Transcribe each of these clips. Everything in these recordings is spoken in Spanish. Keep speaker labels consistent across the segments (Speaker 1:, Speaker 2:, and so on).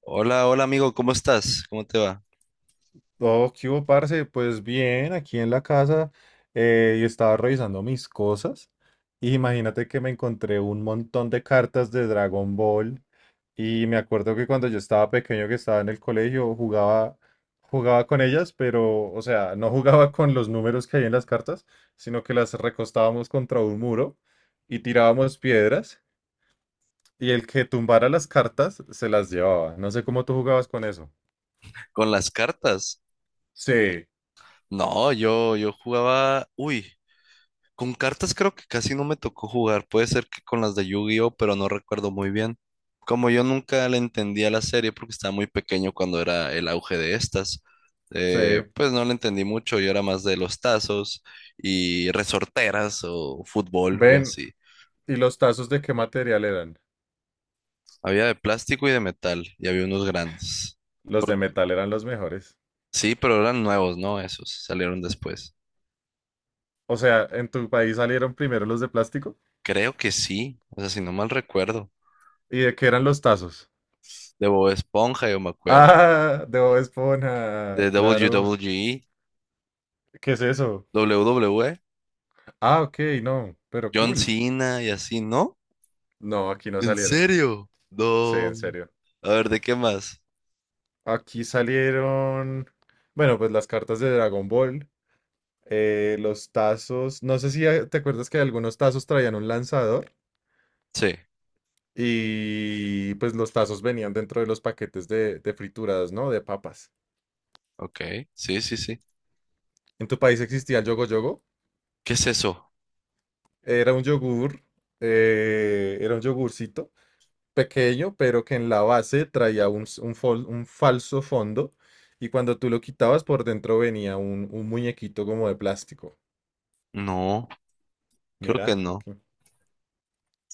Speaker 1: Hola, hola amigo, ¿cómo estás? ¿Cómo te va?
Speaker 2: Oh, ¿qué hubo, parce? Pues bien, aquí en la casa, y estaba revisando mis cosas. Y imagínate que me encontré un montón de cartas de Dragon Ball. Y me acuerdo que cuando yo estaba pequeño, que estaba en el colegio, jugaba con ellas, pero, o sea, no jugaba con los números que hay en las cartas, sino que las recostábamos contra un muro y tirábamos piedras. Y el que tumbara las cartas se las llevaba. No sé cómo tú jugabas con eso.
Speaker 1: ¿Con las cartas?
Speaker 2: Sí.
Speaker 1: No, yo jugaba, uy, con cartas creo que casi no me tocó jugar, puede ser que con las de Yu-Gi-Oh, pero no recuerdo muy bien. Como yo nunca le entendía la serie porque estaba muy pequeño cuando era el auge de estas,
Speaker 2: Sí,
Speaker 1: pues no le entendí mucho, yo era más de los tazos y resorteras o fútbol o
Speaker 2: ven.
Speaker 1: así.
Speaker 2: ¿Y los tazos de qué material eran?
Speaker 1: Había de plástico y de metal y había unos grandes.
Speaker 2: Los
Speaker 1: Por-
Speaker 2: de metal eran los mejores.
Speaker 1: Sí, pero eran nuevos, ¿no? Esos salieron después.
Speaker 2: O sea, ¿en tu país salieron primero los de plástico?
Speaker 1: Creo que sí, o sea, si no mal recuerdo.
Speaker 2: ¿Y de qué eran los tazos?
Speaker 1: De Bob Esponja, yo me acuerdo.
Speaker 2: Ah, de Bob Esponja,
Speaker 1: De
Speaker 2: claro.
Speaker 1: w
Speaker 2: ¿Qué es eso?
Speaker 1: WWE,
Speaker 2: Ah, ok, no, pero
Speaker 1: John
Speaker 2: cool.
Speaker 1: Cena y así, ¿no?
Speaker 2: No, aquí no
Speaker 1: ¿En
Speaker 2: salieron.
Speaker 1: serio?
Speaker 2: Sí,
Speaker 1: No.
Speaker 2: en serio.
Speaker 1: A ver, ¿de qué más?
Speaker 2: Aquí salieron, bueno, pues las cartas de Dragon Ball, los tazos. No sé si, te acuerdas que algunos tazos traían un lanzador.
Speaker 1: Sí,
Speaker 2: Y pues los tazos venían dentro de los paquetes de frituras, ¿no? De papas.
Speaker 1: ok, sí, sí, sí.
Speaker 2: ¿En tu país existía el yogo yogo?
Speaker 1: ¿Qué es eso?
Speaker 2: Era un yogur, era un yogurcito pequeño, pero que en la base traía un, s- un fol- un falso fondo. Y cuando tú lo quitabas, por dentro venía un muñequito como de plástico.
Speaker 1: No, creo que
Speaker 2: Mira,
Speaker 1: no.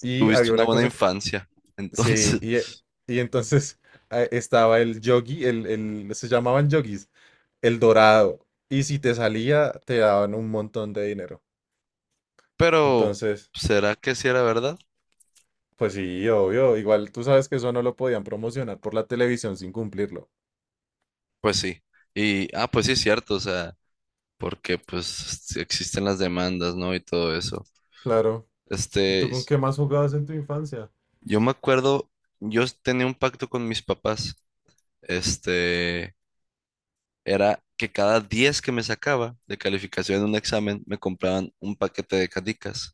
Speaker 2: y
Speaker 1: Tuviste
Speaker 2: había
Speaker 1: una
Speaker 2: una
Speaker 1: buena
Speaker 2: cosa.
Speaker 1: infancia,
Speaker 2: Sí,
Speaker 1: entonces.
Speaker 2: y, e- y entonces, estaba el yogi, se llamaban yogis, el dorado. Y si te salía, te daban un montón de dinero.
Speaker 1: Pero,
Speaker 2: Entonces,
Speaker 1: ¿será que sí era verdad?
Speaker 2: pues sí, obvio. Igual tú sabes que eso no lo podían promocionar por la televisión sin cumplirlo.
Speaker 1: Pues sí. Y, ah, pues sí es cierto, o sea, porque pues existen las demandas, ¿no? Y todo eso.
Speaker 2: Claro. ¿Y tú
Speaker 1: Este,
Speaker 2: con qué más jugabas en tu infancia?
Speaker 1: yo me acuerdo, yo tenía un pacto con mis papás. Este, era que cada 10 que me sacaba de calificación en un examen, me compraban un paquete de canicas.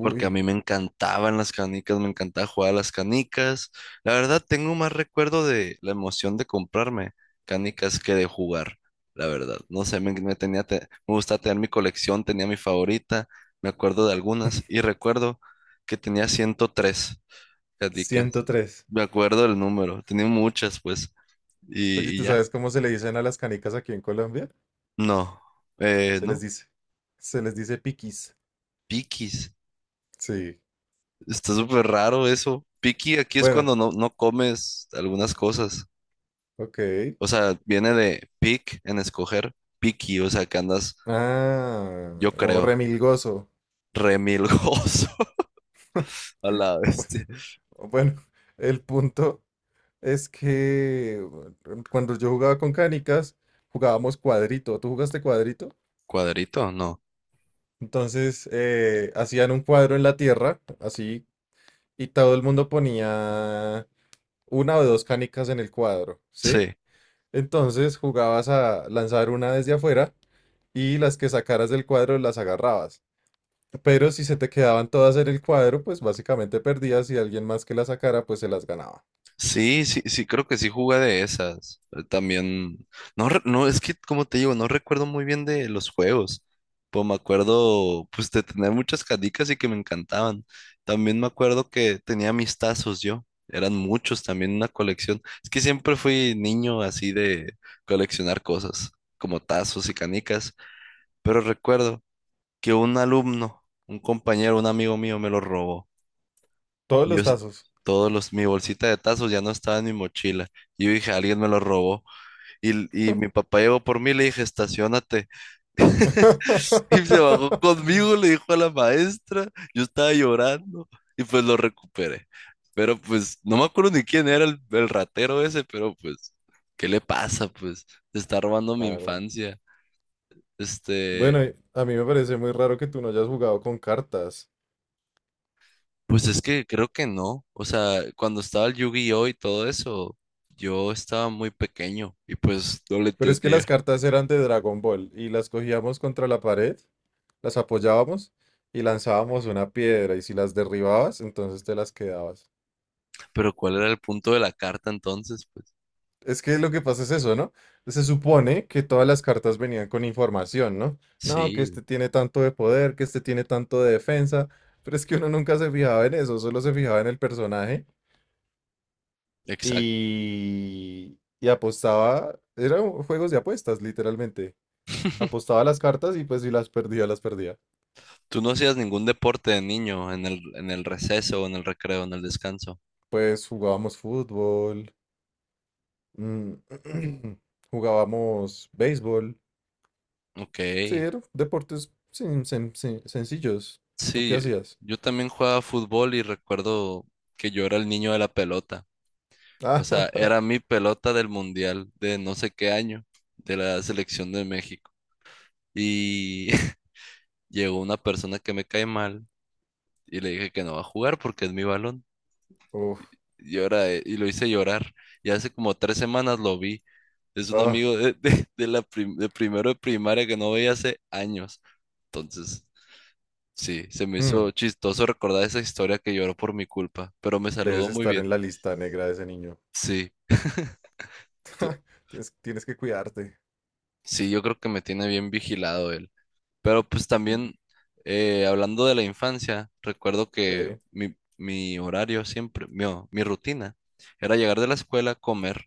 Speaker 1: Porque a mí me encantaban las canicas, me encantaba jugar a las canicas. La verdad, tengo más recuerdo de la emoción de comprarme canicas que de jugar. La verdad, no sé, me tenía, me gustaba tener mi colección, tenía mi favorita, me acuerdo de algunas y recuerdo que tenía 103. Caticas.
Speaker 2: 103.
Speaker 1: Me acuerdo del número. Tenía muchas, pues.
Speaker 2: Oye,
Speaker 1: Y
Speaker 2: ¿tú
Speaker 1: ya.
Speaker 2: sabes cómo se le dicen a las canicas aquí en Colombia?
Speaker 1: No.
Speaker 2: Se les
Speaker 1: No.
Speaker 2: dice. Se les dice piquis.
Speaker 1: Piquis.
Speaker 2: Sí.
Speaker 1: Está súper raro eso. Piqui aquí es
Speaker 2: Bueno,
Speaker 1: cuando no, no comes algunas cosas.
Speaker 2: ok.
Speaker 1: O sea, viene de pick en escoger. Piqui, o sea, que andas,
Speaker 2: Ah,
Speaker 1: yo
Speaker 2: o
Speaker 1: creo,
Speaker 2: remilgoso.
Speaker 1: remilgoso a la
Speaker 2: Bu-
Speaker 1: bestia.
Speaker 2: Bueno, el punto es que, bueno, cuando yo jugaba con canicas, jugábamos cuadrito. ¿Tú jugaste cuadrito?
Speaker 1: ¿Cuadrito? No.
Speaker 2: Entonces, hacían un cuadro en la tierra, así, y todo el mundo ponía una o dos canicas en el cuadro,
Speaker 1: Sí.
Speaker 2: ¿sí? Entonces jugabas a lanzar una desde afuera y las que sacaras del cuadro las agarrabas. Pero si se te quedaban todas en el cuadro, pues básicamente perdías y alguien más que la sacara, pues se las ganaba.
Speaker 1: Sí, sí, sí, creo que sí jugué de esas. También, no, es que como te digo, no recuerdo muy bien de los juegos. Pues me acuerdo pues de tener muchas canicas y que me encantaban. También me acuerdo que tenía mis tazos yo, eran muchos también, una colección. Es que siempre fui niño así de coleccionar cosas, como tazos y canicas, pero recuerdo que un alumno, un compañero, un amigo mío me lo robó.
Speaker 2: Todos
Speaker 1: Y yo,
Speaker 2: los tazos.
Speaker 1: todos los, mi bolsita de tazos ya no estaba en mi mochila. Y yo dije, alguien me lo robó. Y, y mi papá llegó por mí, y le dije, estacionate. Y se bajó conmigo, le dijo a la maestra. Yo estaba llorando y pues lo recuperé. Pero pues no me acuerdo ni quién era el ratero ese, pero pues, ¿qué le pasa? Pues se está robando mi
Speaker 2: Claro.
Speaker 1: infancia. Este,
Speaker 2: Bueno, y a mí me parece muy raro que tú no hayas jugado con cartas.
Speaker 1: pues es que creo que no. O sea, cuando estaba el Yu-Gi-Oh y todo eso, yo estaba muy pequeño y pues no le
Speaker 2: Pero es que las
Speaker 1: entendía.
Speaker 2: cartas eran de Dragon Ball y las cogíamos contra la pared, las apoyábamos y lanzábamos una piedra, y si las derribabas, entonces te las quedabas.
Speaker 1: Pero ¿cuál era el punto de la carta entonces? Pues
Speaker 2: Es que lo que pasa es eso, ¿no? Se supone que todas las cartas venían con información, ¿no? No, que este
Speaker 1: sí,
Speaker 2: tiene tanto de poder, que este tiene tanto de defensa, pero es que uno nunca se fijaba en eso, solo se fijaba en el personaje
Speaker 1: exacto.
Speaker 2: y apostaba, eran juegos de apuestas, literalmente. Apostaba las cartas y pues si las perdía, las perdía.
Speaker 1: Tú no hacías ningún deporte de niño en el receso, en el recreo, en el descanso.
Speaker 2: Pues jugábamos fútbol, mm, jugábamos béisbol,
Speaker 1: Ok.
Speaker 2: sí, eran deportes sencillos. ¿Tú qué
Speaker 1: Sí, yo
Speaker 2: hacías?
Speaker 1: yo también jugaba fútbol y recuerdo que yo era el niño de la pelota. O
Speaker 2: Ah,
Speaker 1: sea, era mi pelota del mundial de no sé qué año, de la selección de México. Y llegó una persona que me cae mal y le dije que no va a jugar porque es mi balón.
Speaker 2: uf,
Speaker 1: Llora y lo hice llorar. Y hace como 3 semanas lo vi. Es un
Speaker 2: ah,
Speaker 1: amigo de primero de primaria que no veía hace años. Entonces, sí, se me
Speaker 2: mm,
Speaker 1: hizo chistoso recordar esa historia que lloró por mi culpa, pero me
Speaker 2: debes
Speaker 1: saludó muy
Speaker 2: estar
Speaker 1: bien.
Speaker 2: en la lista negra de ese niño.
Speaker 1: Sí, tú-
Speaker 2: Tienes que cuidarte.
Speaker 1: sí, yo creo que me tiene bien vigilado él. Pero pues
Speaker 2: Mm.
Speaker 1: también, hablando de la infancia, recuerdo que
Speaker 2: Sí.
Speaker 1: mi horario siempre, mi rutina, era llegar de la escuela, comer,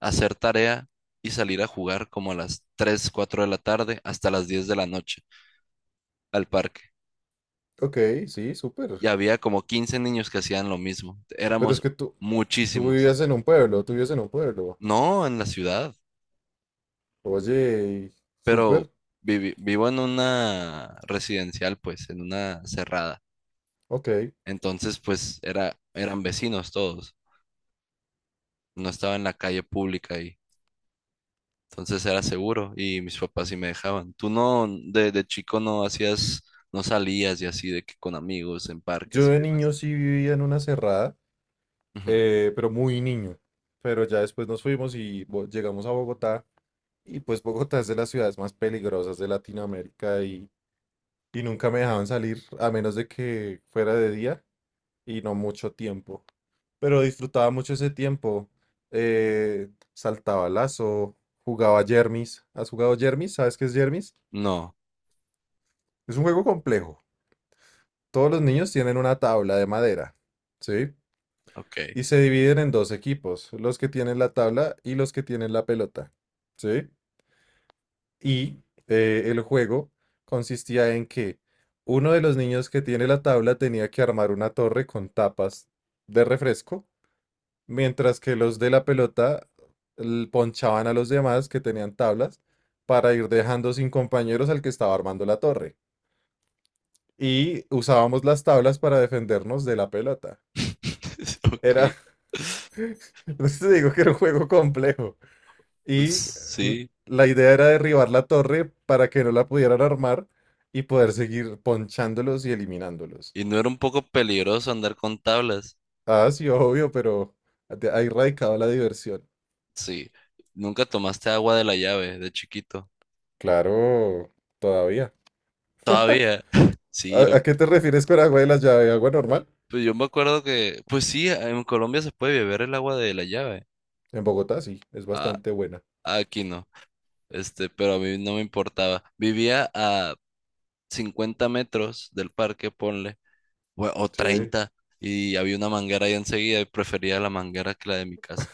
Speaker 1: hacer tarea y salir a jugar como a las 3 4 de la tarde hasta las 10 de la noche al parque.
Speaker 2: Ok, sí,
Speaker 1: Y
Speaker 2: súper.
Speaker 1: había como 15 niños que hacían lo mismo.
Speaker 2: Pero es
Speaker 1: Éramos
Speaker 2: que tú
Speaker 1: muchísimos.
Speaker 2: vivías en un pueblo, tú vivías en un pueblo.
Speaker 1: No en la ciudad,
Speaker 2: Oye,
Speaker 1: pero
Speaker 2: súper.
Speaker 1: vivo en una residencial, pues, en una cerrada.
Speaker 2: Ok.
Speaker 1: Entonces, pues, era, eran vecinos todos. No estaba en la calle pública. Entonces era seguro y mis papás sí me dejaban. Tú no, de chico no hacías, no salías y así de que con amigos en
Speaker 2: Yo
Speaker 1: parques y
Speaker 2: de
Speaker 1: demás.
Speaker 2: niño sí vivía en una cerrada,
Speaker 1: Ujú.
Speaker 2: pero muy niño. Pero ya después nos fuimos y llegamos a Bogotá. Y pues Bogotá es de las ciudades más peligrosas de Latinoamérica, y nunca me dejaban salir a menos de que fuera de día. Y no mucho tiempo. Pero disfrutaba mucho ese tiempo. Saltaba lazo, jugaba Jermis. ¿Has jugado Jermis? ¿Sabes qué es Jermis?
Speaker 1: No,
Speaker 2: Es un juego complejo. Todos los niños tienen una tabla de madera, ¿sí?
Speaker 1: ok.
Speaker 2: Y se dividen en dos equipos, los que tienen la tabla y los que tienen la pelota, ¿sí? Y el juego consistía en que uno de los niños que tiene la tabla tenía que armar una torre con tapas de refresco, mientras que los de la pelota ponchaban a los demás que tenían tablas para ir dejando sin compañeros al que estaba armando la torre. Y usábamos las tablas para defendernos de la pelota.
Speaker 1: Ok.
Speaker 2: Era, no te digo que era un juego complejo.
Speaker 1: Pues,
Speaker 2: Y mm,
Speaker 1: sí.
Speaker 2: la idea era derribar la torre para que no la pudieran armar y poder seguir ponchándolos y eliminándolos.
Speaker 1: Y no era un poco peligroso andar con tablas.
Speaker 2: Ah, sí, obvio, pero ahí radicaba la diversión.
Speaker 1: Sí. Nunca tomaste agua de la llave de chiquito.
Speaker 2: Claro, todavía.
Speaker 1: Todavía. Sí, yo,
Speaker 2: ¿A qué te refieres con agua de la llave? ¿Agua normal?
Speaker 1: pues yo me acuerdo que, pues sí, en Colombia se puede beber el agua de la llave.
Speaker 2: En Bogotá sí, es
Speaker 1: Ah,
Speaker 2: bastante buena.
Speaker 1: aquí no. Este, pero a mí no me importaba. Vivía a 50 metros del parque, ponle, o
Speaker 2: Sí.
Speaker 1: 30, y había una manguera ahí enseguida y prefería la manguera que la de mi casa.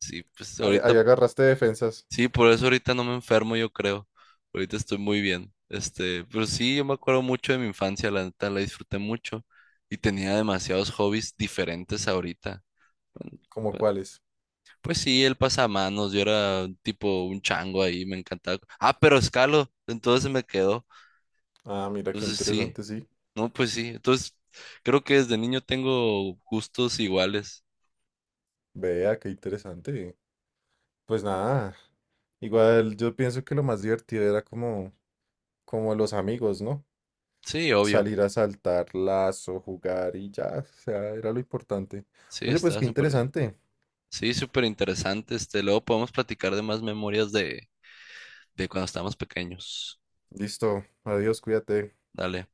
Speaker 1: Sí, pues
Speaker 2: Ahí
Speaker 1: ahorita,
Speaker 2: agarraste defensas.
Speaker 1: sí, por eso ahorita no me enfermo, yo creo. Ahorita estoy muy bien. Este, pero sí, yo me acuerdo mucho de mi infancia, la neta, la disfruté mucho y tenía demasiados hobbies diferentes ahorita. Bueno,
Speaker 2: ¿Cómo
Speaker 1: Pues
Speaker 2: cuáles?
Speaker 1: pues sí, el pasamanos, yo era tipo un chango ahí, me encantaba. Ah, pero escalo, entonces se me quedó.
Speaker 2: Ah, mira qué
Speaker 1: Entonces sí,
Speaker 2: interesante, sí.
Speaker 1: no, pues sí. Entonces creo que desde niño tengo gustos iguales.
Speaker 2: Vea, qué interesante. Pues nada, igual yo pienso que lo más divertido era como los amigos, ¿no?
Speaker 1: Sí, obvio.
Speaker 2: Salir a saltar lazo, jugar y ya, o sea, era lo importante.
Speaker 1: Sí,
Speaker 2: Oye, pues
Speaker 1: está
Speaker 2: qué
Speaker 1: súper bien.
Speaker 2: interesante.
Speaker 1: Sí, súper interesante. Este, luego podemos platicar de más memorias de cuando estábamos pequeños.
Speaker 2: Listo, adiós, cuídate.
Speaker 1: Dale.